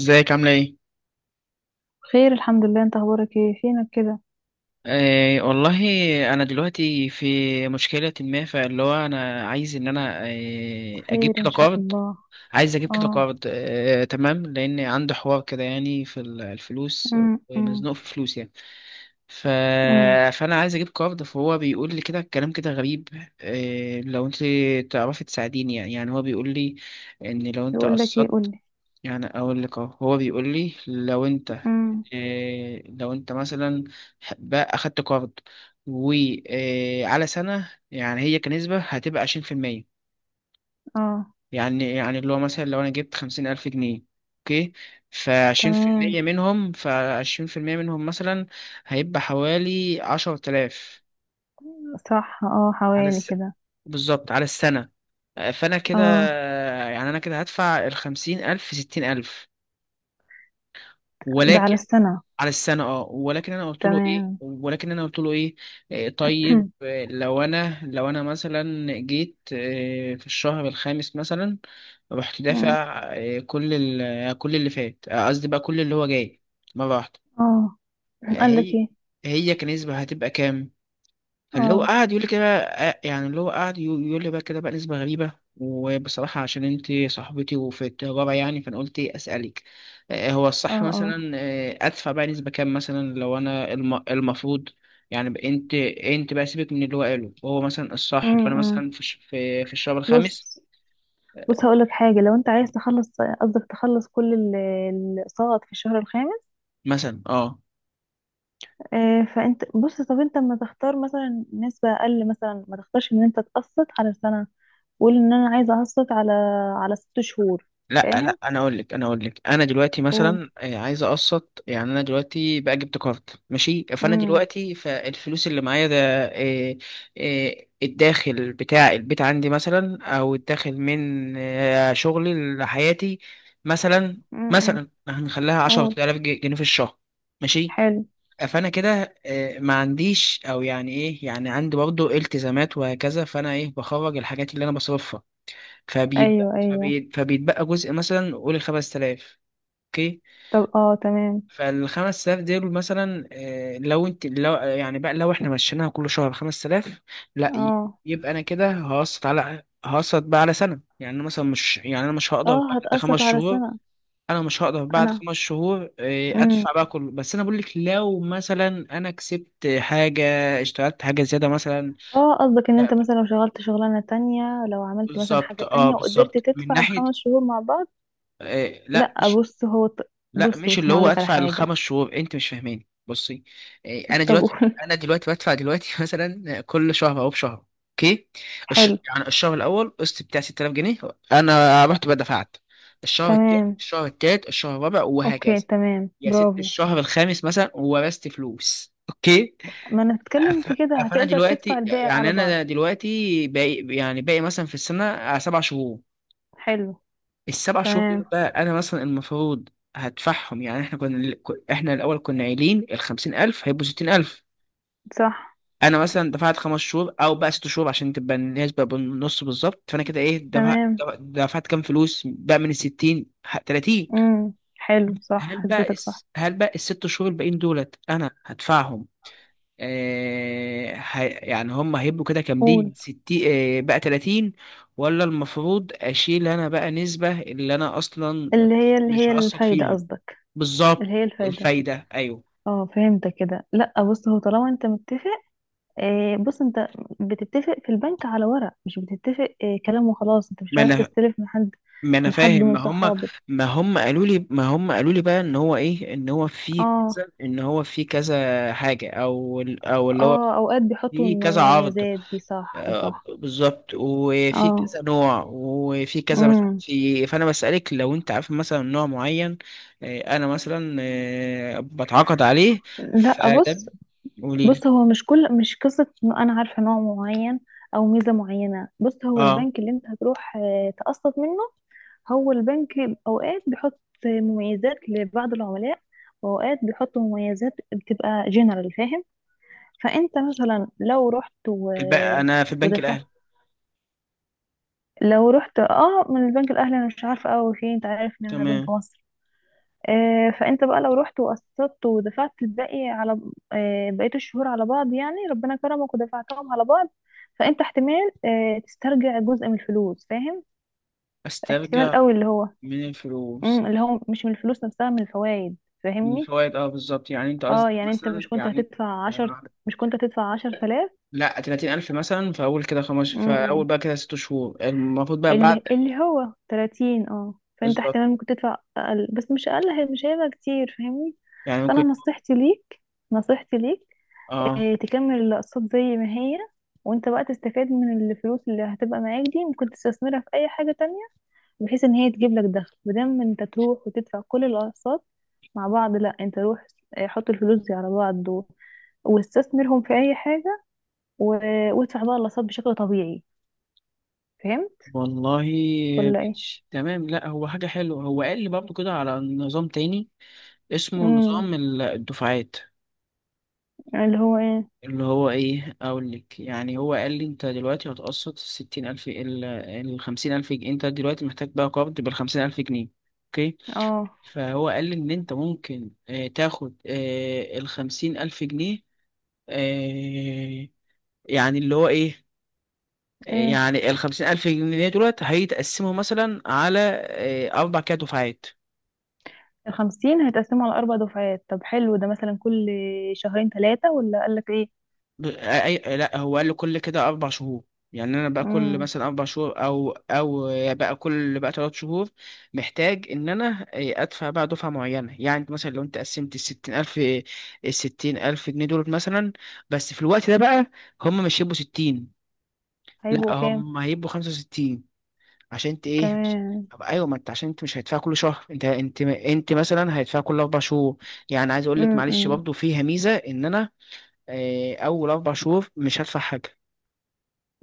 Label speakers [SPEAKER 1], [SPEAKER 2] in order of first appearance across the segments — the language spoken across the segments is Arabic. [SPEAKER 1] ازيك عاملة ايه؟
[SPEAKER 2] خير، الحمد لله، انت اخبارك ايه؟ فينك كده؟
[SPEAKER 1] آه والله. انا دلوقتي في مشكلة، ما فاللي هو انا عايز ان انا اجيب
[SPEAKER 2] خير
[SPEAKER 1] كده
[SPEAKER 2] ان شاء
[SPEAKER 1] قرض.
[SPEAKER 2] الله.
[SPEAKER 1] عايز اجيب كده
[SPEAKER 2] اه.
[SPEAKER 1] قرض. تمام، لان عندي حوار كده يعني في الفلوس.
[SPEAKER 2] امم. امم.
[SPEAKER 1] ومزنوق في فلوس يعني. ف...
[SPEAKER 2] امم.
[SPEAKER 1] فانا عايز اجيب قرض، فهو بيقول لي كده كلام كده غريب. لو انت تعرفي تساعديني. يعني يعني هو بيقول لي ان لو انت
[SPEAKER 2] يقول لك ايه؟ قول
[SPEAKER 1] قسطت.
[SPEAKER 2] لي.
[SPEAKER 1] يعني اقول لك اهو، هو بيقول لي لو انت،
[SPEAKER 2] امم.
[SPEAKER 1] لو انت مثلا بقى اخدت قرض وعلى سنة، يعني هي كنسبة هتبقى 20%.
[SPEAKER 2] اه.
[SPEAKER 1] يعني يعني اللي هو مثلا لو انا جبت 50,000 جنيه. اوكي. فعشرين في المية
[SPEAKER 2] تمام.
[SPEAKER 1] منهم، مثلا هيبقى حوالي 10,000.
[SPEAKER 2] صح، اه،
[SPEAKER 1] على
[SPEAKER 2] حوالي
[SPEAKER 1] الس...
[SPEAKER 2] كده.
[SPEAKER 1] بالظبط على السنة. فأنا كده،
[SPEAKER 2] اه،
[SPEAKER 1] يعني أنا كده هدفع الخمسين ألف في ستين ألف،
[SPEAKER 2] ده على
[SPEAKER 1] ولكن
[SPEAKER 2] السنة.
[SPEAKER 1] على السنة. اه
[SPEAKER 2] تمام.
[SPEAKER 1] ولكن انا قلت له ايه. طيب لو انا مثلا جيت، في الشهر الخامس مثلا رحت
[SPEAKER 2] أمم.
[SPEAKER 1] دافع، كل كل اللي فات. قصدي بقى كل اللي هو جاي مرة واحدة.
[SPEAKER 2] اه،
[SPEAKER 1] آه،
[SPEAKER 2] قال لك
[SPEAKER 1] هي
[SPEAKER 2] ايه؟
[SPEAKER 1] هي كنسبة هتبقى كام؟ اللي هو
[SPEAKER 2] اه.
[SPEAKER 1] قعد يقول لي كده. يعني اللي هو قعد يقول لي بقى كده بقى نسبة غريبة. وبصراحة عشان انت صاحبتي وفي التجارة يعني، فانا قلت ايه اسألك. هو
[SPEAKER 2] اه.
[SPEAKER 1] الصح
[SPEAKER 2] اه.
[SPEAKER 1] مثلا ادفع بقى نسبة كام؟ مثلا لو انا المفروض. يعني بقى انت بقى سيبك من اللي هو قاله، وهو مثلا الصح لو
[SPEAKER 2] امم.
[SPEAKER 1] انا
[SPEAKER 2] أمم.
[SPEAKER 1] مثلا في في الشهر الخامس
[SPEAKER 2] بص بص، هقول لك حاجة. لو انت عايز تخلص، قصدك تخلص كل الاقساط في الشهر الخامس؟
[SPEAKER 1] مثلا. اه.
[SPEAKER 2] فانت بص، طب انت ما تختار مثلا نسبة اقل؟ مثلا ما تختارش ان انت تقسط على سنة. قول ان انا عايزة اقسط على 6 شهور.
[SPEAKER 1] لا لا،
[SPEAKER 2] فاهم؟
[SPEAKER 1] انا اقول لك، انا دلوقتي
[SPEAKER 2] قول.
[SPEAKER 1] مثلا عايز اقسط. يعني انا دلوقتي بقى جبت كارد ماشي، فانا
[SPEAKER 2] امم.
[SPEAKER 1] دلوقتي فالفلوس اللي معايا ده. آه، الداخل بتاع البيت عندي مثلا، او الداخل من شغلي لحياتي. مثلا
[SPEAKER 2] امم. إمم.
[SPEAKER 1] مثلا هنخليها
[SPEAKER 2] قول.
[SPEAKER 1] 10000 جنيه في الشهر. ماشي.
[SPEAKER 2] حلو.
[SPEAKER 1] فانا كده ما عنديش، او يعني ايه، يعني عندي برضو التزامات وهكذا. فانا ايه بخرج الحاجات اللي انا بصرفها.
[SPEAKER 2] ايوه، ايوه.
[SPEAKER 1] فبيتبقى جزء مثلا، قول 5,000. اوكي.
[SPEAKER 2] طب، اه، تمام.
[SPEAKER 1] فالخمس تلاف دول مثلا. لو يعني بقى لو احنا مشيناها كل شهر 5,000. لا،
[SPEAKER 2] اه،
[SPEAKER 1] يبقى انا كده هقسط بقى على سنة. يعني أنا مثلا مش، يعني انا مش هقدر
[SPEAKER 2] اه،
[SPEAKER 1] بعد خمس
[SPEAKER 2] هتقسط على
[SPEAKER 1] شهور.
[SPEAKER 2] سنة.
[SPEAKER 1] انا مش هقدر بعد
[SPEAKER 2] انا.
[SPEAKER 1] خمس شهور ادفع بقى
[SPEAKER 2] امم.
[SPEAKER 1] كله. بس انا بقول لك لو مثلا انا كسبت حاجة، اشتغلت حاجة زيادة مثلا.
[SPEAKER 2] اه، قصدك ان
[SPEAKER 1] لا
[SPEAKER 2] انت
[SPEAKER 1] بقى.
[SPEAKER 2] مثلا لو شغلت شغلانة تانية، لو عملت مثلا
[SPEAKER 1] بالظبط،
[SPEAKER 2] حاجة تانية وقدرت
[SPEAKER 1] بالظبط من
[SPEAKER 2] تدفع
[SPEAKER 1] ناحية.
[SPEAKER 2] الخمس شهور مع بعض؟
[SPEAKER 1] لا
[SPEAKER 2] لا، بص هو
[SPEAKER 1] لا،
[SPEAKER 2] بص
[SPEAKER 1] مش
[SPEAKER 2] بص
[SPEAKER 1] اللي
[SPEAKER 2] انا
[SPEAKER 1] هو
[SPEAKER 2] هقولك على
[SPEAKER 1] ادفع
[SPEAKER 2] حاجة.
[SPEAKER 1] الخمس شهور، انت مش فاهماني. بصي. انا
[SPEAKER 2] طب
[SPEAKER 1] دلوقتي،
[SPEAKER 2] قول.
[SPEAKER 1] بدفع دلوقتي مثلا كل شهر او بشهر. اوكي.
[SPEAKER 2] حلو.
[SPEAKER 1] يعني الشهر الاول قسط بتاع 6,000 جنيه. انا رحت بدفعت الشهر التاني،
[SPEAKER 2] تمام.
[SPEAKER 1] الشهر التالت، الشهر الرابع
[SPEAKER 2] اوكي،
[SPEAKER 1] وهكذا.
[SPEAKER 2] تمام،
[SPEAKER 1] يا ست،
[SPEAKER 2] برافو.
[SPEAKER 1] الشهر الخامس مثلا ورثت فلوس. اوكي.
[SPEAKER 2] ما انا بتكلم في كده
[SPEAKER 1] فانا
[SPEAKER 2] هتقدر تدفع
[SPEAKER 1] دلوقتي،
[SPEAKER 2] الباقي
[SPEAKER 1] يعني
[SPEAKER 2] على بعض.
[SPEAKER 1] انا دلوقتي باقي، يعني باقي مثلا في السنه سبع شهور.
[SPEAKER 2] حلو.
[SPEAKER 1] السبع شهور
[SPEAKER 2] تمام.
[SPEAKER 1] دول بقى انا مثلا المفروض هدفعهم. يعني احنا الاول كنا قايلين ال 50,000 هيبقوا 60,000.
[SPEAKER 2] صح.
[SPEAKER 1] انا مثلا دفعت خمس شهور او بقى ست شهور عشان تبقى النسبه بالنص بالظبط. فانا كده ايه دفعت،
[SPEAKER 2] تمام.
[SPEAKER 1] دفعت كام فلوس بقى من ال 60، 30؟
[SPEAKER 2] امم. حلو، صح، حسبتك صح.
[SPEAKER 1] هل بقى الست شهور الباقيين دولت انا هدفعهم؟ يعني هم هيبقوا كده
[SPEAKER 2] قول.
[SPEAKER 1] كاملين 60، بقى 30؟ ولا المفروض اشيل انا بقى نسبة اللي انا اصلا
[SPEAKER 2] اللي هي اللي
[SPEAKER 1] مش
[SPEAKER 2] هي
[SPEAKER 1] هقسط
[SPEAKER 2] الفايدة
[SPEAKER 1] فيها؟
[SPEAKER 2] قصدك؟ اللي
[SPEAKER 1] بالظبط.
[SPEAKER 2] هي الفايدة.
[SPEAKER 1] الفايدة ايوه.
[SPEAKER 2] اه، فهمتك كده. لا بص، هو طالما انت متفق، بص انت بتتفق في البنك على ورق، مش بتتفق كلام وخلاص. انت مش
[SPEAKER 1] ما
[SPEAKER 2] رايح
[SPEAKER 1] انا
[SPEAKER 2] تستلف من حد،
[SPEAKER 1] ما انا فاهم.
[SPEAKER 2] من صحابك.
[SPEAKER 1] ما هم قالوا لي، بقى ان هو ايه، ان هو في
[SPEAKER 2] اه،
[SPEAKER 1] كذا، حاجة، او او اللي هو
[SPEAKER 2] اه، اوقات بيحطوا
[SPEAKER 1] في كذا عرض.
[SPEAKER 2] المميزات دي، صح، صح.
[SPEAKER 1] بالظبط، وفي
[SPEAKER 2] اه.
[SPEAKER 1] كذا نوع، وفي كذا مش عارف
[SPEAKER 2] امم.
[SPEAKER 1] في. فانا بسألك لو انت عارف مثلا نوع معين. انا مثلا بتعاقد عليه.
[SPEAKER 2] لا،
[SPEAKER 1] فده،
[SPEAKER 2] بص
[SPEAKER 1] قولي لي.
[SPEAKER 2] بص هو مش قصة انه انا عارفة نوع معين او ميزة معينة. بص، هو
[SPEAKER 1] اه.
[SPEAKER 2] البنك اللي انت هتروح تقسط منه، هو البنك اوقات بيحط مميزات لبعض العملاء، واوقات بيحط مميزات بتبقى جنرال. فاهم؟ فانت مثلا
[SPEAKER 1] انا في البنك
[SPEAKER 2] ودفعت،
[SPEAKER 1] الاهلي.
[SPEAKER 2] لو رحت، اه، من البنك الاهلي، انا مش عارفة قوي فيه، انت عارف ان انا بنك
[SPEAKER 1] تمام.
[SPEAKER 2] مصر. فانت بقى لو رحت وقسطت ودفعت الباقي على بقية الشهور على بعض، يعني ربنا كرمك ودفعتهم على بعض، فانت احتمال تسترجع جزء من الفلوس. فاهم؟ احتمال
[SPEAKER 1] استرجع
[SPEAKER 2] قوي اللي هو
[SPEAKER 1] من الفلوس،
[SPEAKER 2] اللي هو مش من الفلوس نفسها، من الفوائد.
[SPEAKER 1] من
[SPEAKER 2] فاهمني؟
[SPEAKER 1] الفوائد. اه بالظبط. يعني انت
[SPEAKER 2] اه،
[SPEAKER 1] قصدك
[SPEAKER 2] يعني انت
[SPEAKER 1] مثلا، يعني يعني
[SPEAKER 2] مش كنت هتدفع 10 تلاف.
[SPEAKER 1] لا، 30,000 مثلا في اول كده خمس، في
[SPEAKER 2] مم،
[SPEAKER 1] اول بقى كده ست شهور المفروض بقى بعد.
[SPEAKER 2] اللي هو 30، اه. فانت
[SPEAKER 1] بالظبط
[SPEAKER 2] احتمال ممكن تدفع اقل، بس مش اقل، مش هيبقى كتير. فاهمني؟
[SPEAKER 1] يعني
[SPEAKER 2] فانا
[SPEAKER 1] ممكن.
[SPEAKER 2] نصيحتي ليك،
[SPEAKER 1] اه
[SPEAKER 2] تكمل الاقساط زي ما هي، وانت بقى تستفاد من الفلوس اللي هتبقى معاك دي، ممكن تستثمرها في اي حاجة تانية، بحيث ان هي تجيب لك دخل، بدل ما انت تروح وتدفع كل الاقساط مع بعض. لا، انت روح حط الفلوس دي على بعض واستثمرهم في اي حاجة، و... وادفع بقى الاقساط بشكل طبيعي. فهمت
[SPEAKER 1] والله
[SPEAKER 2] ولا ايه؟
[SPEAKER 1] ماشي تمام. لا هو حاجة حلوة، هو قال لي برضه كده على نظام تاني، اسمه
[SPEAKER 2] امم.
[SPEAKER 1] نظام الدفعات.
[SPEAKER 2] اللي هو ايه؟
[SPEAKER 1] اللي هو ايه، اقول لك. يعني هو قال لي انت دلوقتي هتقسط الستين الف، خمسين الف جنيه. انت دلوقتي محتاج بقى قرض بالخمسين الف جنيه. اوكي.
[SPEAKER 2] اه،
[SPEAKER 1] فهو قال لي ان انت ممكن تاخد الخمسين الف جنيه. آه، يعني اللي هو ايه،
[SPEAKER 2] ايه،
[SPEAKER 1] يعني الخمسين ألف جنيه دلوقتي هيتقسموا مثلا على أربع كده دفعات.
[SPEAKER 2] الخمسين هيتقسموا على 4 دفعات؟ طب حلو، ده مثلا كل شهرين، ثلاثة، ولا قالك ايه؟
[SPEAKER 1] لا، هو قال له كل كده اربع شهور. يعني انا بقى كل
[SPEAKER 2] امم.
[SPEAKER 1] مثلا اربع شهور او او بقى كل بقى ثلاث شهور محتاج ان انا ادفع بقى دفعه معينه. يعني أنت مثلا لو انت قسمت الستين الف، الستين الف جنيه دول مثلا، بس في الوقت ده بقى هم مش هيبقوا ستين،
[SPEAKER 2] هيبقوا
[SPEAKER 1] لا
[SPEAKER 2] كام
[SPEAKER 1] هم هيبقوا 65,000. عشان انت ايه؟
[SPEAKER 2] كمان؟
[SPEAKER 1] طب ايوه، ما انت عشان انت مش هيدفع كل شهر، انت مثلا هيدفع كل اربع شهور. يعني عايز اقول لك، معلش
[SPEAKER 2] امم.
[SPEAKER 1] برضه فيها ميزه ان انا اول اربع شهور مش هدفع حاجه.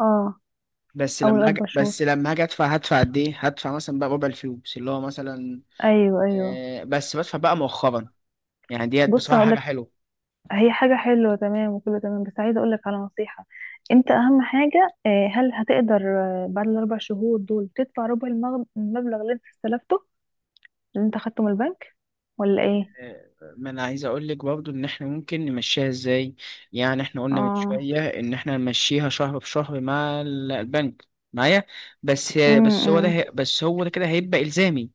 [SPEAKER 2] اه، اول اربع شهور
[SPEAKER 1] بس لما هاجي ادفع، هدفع قد ايه؟ هدفع مثلا بقى ربع الفلوس اللي هو مثلا،
[SPEAKER 2] ايوه، ايوه.
[SPEAKER 1] بس بدفع بقى مؤخرا. يعني ديت
[SPEAKER 2] بص
[SPEAKER 1] بصراحة حاجة
[SPEAKER 2] هقولك،
[SPEAKER 1] حلوة.
[SPEAKER 2] هي حاجه حلوه، تمام، وكله تمام، بس عايزه اقولك على نصيحه. انت اهم حاجه، هل هتقدر بعد الـ4 شهور دول تدفع ربع المبلغ اللي انت استلفته، اللي انت خدته من البنك، ولا ايه؟
[SPEAKER 1] آه، ما انا عايز اقول لك برضو ان احنا ممكن نمشيها ازاي. يعني احنا قلنا من
[SPEAKER 2] اه.
[SPEAKER 1] شوية ان احنا نمشيها شهر بشهر مع البنك معايا.
[SPEAKER 2] امم.
[SPEAKER 1] بس هو ده كده هيبقى الزامي.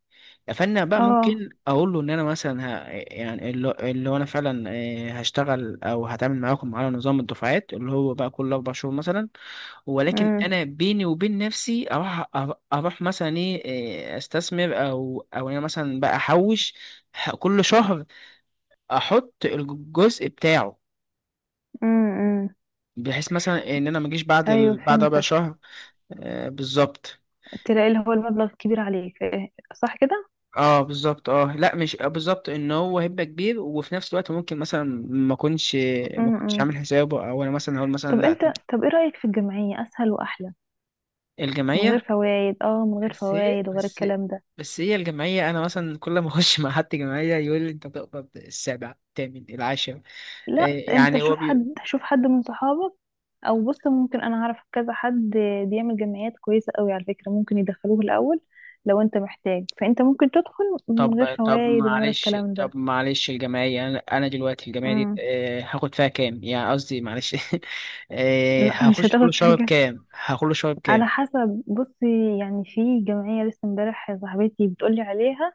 [SPEAKER 1] فانا بقى
[SPEAKER 2] اه.
[SPEAKER 1] ممكن اقول له ان انا مثلا، يعني اللي هو انا فعلا هشتغل او هتعامل معاكم على نظام الدفعات، اللي هو بقى كل اربع شهور مثلا. ولكن
[SPEAKER 2] امم.
[SPEAKER 1] انا بيني وبين نفسي اروح، اروح مثلا ايه، استثمر، او او انا مثلا بقى احوش كل شهر، احط الجزء بتاعه.
[SPEAKER 2] امم.
[SPEAKER 1] بحيث مثلا ان انا ما اجيش بعد
[SPEAKER 2] ايوه،
[SPEAKER 1] بعد ربع
[SPEAKER 2] فهمتك.
[SPEAKER 1] شهر. بالظبط،
[SPEAKER 2] تلاقي اللي هو المبلغ كبير عليك، إيه، صح كده.
[SPEAKER 1] اه بالظبط. اه لا مش، بالظبط ان هو هيبقى كبير، وفي نفس الوقت ممكن مثلا ما اكونش ما كنتش
[SPEAKER 2] امم.
[SPEAKER 1] عامل حسابه. او انا مثلا هقول مثلا
[SPEAKER 2] طب انت،
[SPEAKER 1] لا.
[SPEAKER 2] طب ايه رايك في الجمعيه؟ اسهل واحلى، من
[SPEAKER 1] الجمعيه.
[SPEAKER 2] غير فوائد، اه، من غير
[SPEAKER 1] بس هي
[SPEAKER 2] فوائد وغير
[SPEAKER 1] بس
[SPEAKER 2] الكلام ده.
[SPEAKER 1] بس هي الجمعية، أنا مثلا كل ما أخش مع حد جمعية يقول لي أنت بتقبض السابع الثامن العاشر.
[SPEAKER 2] لا، انت
[SPEAKER 1] يعني هو
[SPEAKER 2] شوف حد من صحابك، او بص ممكن انا اعرف كذا حد بيعمل جمعيات كويسة قوي. على فكرة ممكن يدخلوه الاول لو انت محتاج، فانت ممكن تدخل من غير
[SPEAKER 1] طب طب
[SPEAKER 2] فوائد ومن غير
[SPEAKER 1] معلش،
[SPEAKER 2] الكلام ده.
[SPEAKER 1] الجمعية، أنا أنا دلوقتي الجمعية دي
[SPEAKER 2] امم.
[SPEAKER 1] هاخد فيها كام؟ يعني قصدي، معلش
[SPEAKER 2] لا، مش
[SPEAKER 1] هخش كل
[SPEAKER 2] هتاخد
[SPEAKER 1] شهر
[SPEAKER 2] حاجة،
[SPEAKER 1] بكام؟ هكل شهر بكام؟
[SPEAKER 2] على حسب. بصي، يعني في جمعية لسه امبارح صاحبتي بتقولي عليها،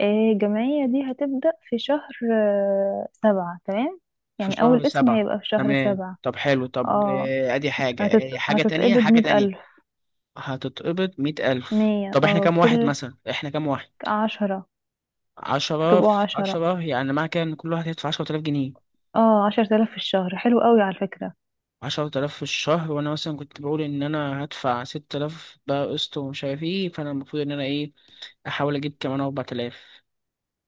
[SPEAKER 2] الجمعية دي هتبدأ في شهر، سبعة، تمام.
[SPEAKER 1] في
[SPEAKER 2] يعني
[SPEAKER 1] شهر
[SPEAKER 2] أول اسم
[SPEAKER 1] سبعة.
[SPEAKER 2] هيبقى في شهر
[SPEAKER 1] تمام،
[SPEAKER 2] سبعة.
[SPEAKER 1] طب حلو. طب
[SPEAKER 2] اه،
[SPEAKER 1] أدي حاجة، حاجة تانية،
[SPEAKER 2] هتتقبض مية ألف
[SPEAKER 1] هتتقبض 100,000.
[SPEAKER 2] مية،
[SPEAKER 1] طب إحنا
[SPEAKER 2] اه،
[SPEAKER 1] كام واحد
[SPEAKER 2] كل
[SPEAKER 1] مثلا؟ إحنا كام واحد؟
[SPEAKER 2] عشرة.
[SPEAKER 1] عشرة
[SPEAKER 2] هتبقوا
[SPEAKER 1] في
[SPEAKER 2] عشرة.
[SPEAKER 1] عشرة، يعني معنى كده إن كل واحد هيدفع 10,000 جنيه.
[SPEAKER 2] اه، 10 آلاف في الشهر، حلو قوي على فكرة.
[SPEAKER 1] عشرة آلاف في الشهر، وأنا مثلا كنت بقول إن أنا هدفع 6,000 بقى قسط، ومش عارف إيه. فأنا المفروض إن أنا إيه، أحاول أجيب كمان 4,000.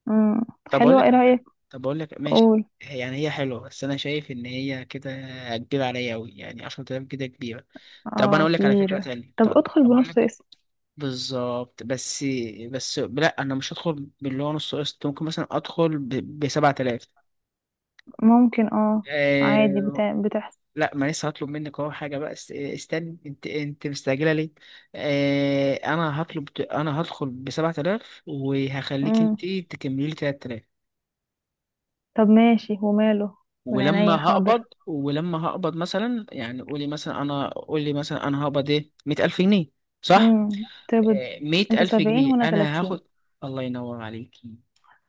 [SPEAKER 2] مم.
[SPEAKER 1] طب أقول
[SPEAKER 2] حلوة،
[SPEAKER 1] لك
[SPEAKER 2] ايه
[SPEAKER 1] على حاجة.
[SPEAKER 2] رأيك؟
[SPEAKER 1] طب أقول لك ماشي،
[SPEAKER 2] قول.
[SPEAKER 1] يعني هي حلوة بس أنا شايف إن هي كده كبيرة عليا أوي. يعني 10,000 كده كبيرة. طب أنا
[SPEAKER 2] اه،
[SPEAKER 1] أقول لك على فكرة
[SPEAKER 2] كبيرة.
[SPEAKER 1] تانية.
[SPEAKER 2] طب
[SPEAKER 1] طب
[SPEAKER 2] ادخل
[SPEAKER 1] طب أقول
[SPEAKER 2] بنص
[SPEAKER 1] لك.
[SPEAKER 2] اسم.
[SPEAKER 1] بالظبط، بس بس لا أنا مش هدخل باللي هو نص قسط. ممكن مثلا أدخل ب 7,000.
[SPEAKER 2] ممكن، اه، عادي، بتحصل.
[SPEAKER 1] لا، ما لسه هطلب منك اهو حاجه بقى، استني، انت مستعجله ليه؟ انا هدخل ب 7,000 وهخليك
[SPEAKER 2] مم.
[SPEAKER 1] انت تكملي لي 3,000.
[SPEAKER 2] طب ماشي وماله. من عينيا، حاضر.
[SPEAKER 1] ولما هقبض مثلا، يعني قولي مثلا انا، هقبض ايه، 100,000 جنيه. صح.
[SPEAKER 2] مم. تقبض. انت
[SPEAKER 1] 100000
[SPEAKER 2] 70
[SPEAKER 1] جنيه
[SPEAKER 2] وانا
[SPEAKER 1] انا
[SPEAKER 2] 30.
[SPEAKER 1] هاخد. الله ينور عليكي.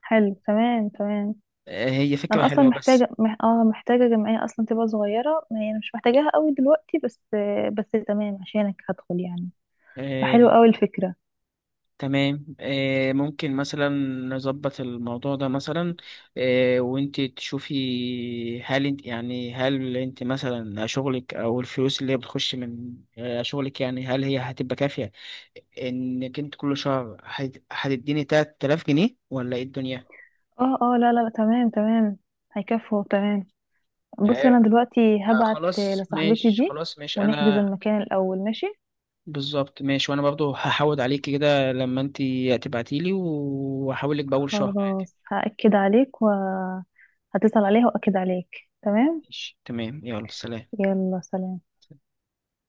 [SPEAKER 2] حلو، تمام، تمام.
[SPEAKER 1] هي فكره
[SPEAKER 2] انا اصلا
[SPEAKER 1] حلوه بس.
[SPEAKER 2] محتاجه، مح... اه محتاجه جمعيه اصلا تبقى صغيره، ما هي أنا مش محتاجاها قوي دلوقتي، بس تمام، عشانك هدخل يعني،
[SPEAKER 1] آه،
[SPEAKER 2] فحلو قوي الفكره.
[SPEAKER 1] تمام ممكن مثلا نظبط الموضوع ده مثلا. وانت تشوفي، هل انت مثلا شغلك، او الفلوس اللي هي بتخش من شغلك، يعني هل هي هتبقى كافية، انك انت كل شهر هتديني 3,000 جنيه؟ ولا ايه الدنيا؟
[SPEAKER 2] اه، اه، لا، لا، لا، تمام، تمام. هيكفوا، تمام. بص، انا
[SPEAKER 1] آه،
[SPEAKER 2] دلوقتي هبعت
[SPEAKER 1] خلاص
[SPEAKER 2] لصاحبتي
[SPEAKER 1] ماشي،
[SPEAKER 2] دي
[SPEAKER 1] خلاص ماشي،
[SPEAKER 2] ونحجز
[SPEAKER 1] انا
[SPEAKER 2] المكان الاول، ماشي.
[SPEAKER 1] بالظبط ماشي. وانا برضو هحاول عليكي كده لما انت تبعتيلي، وهحاولك باول شهر عادي.
[SPEAKER 2] خلاص، هأكد عليك وهتصل عليها وأكد عليك، تمام.
[SPEAKER 1] ماشي تمام، يلا سلام.
[SPEAKER 2] يلا، سلام.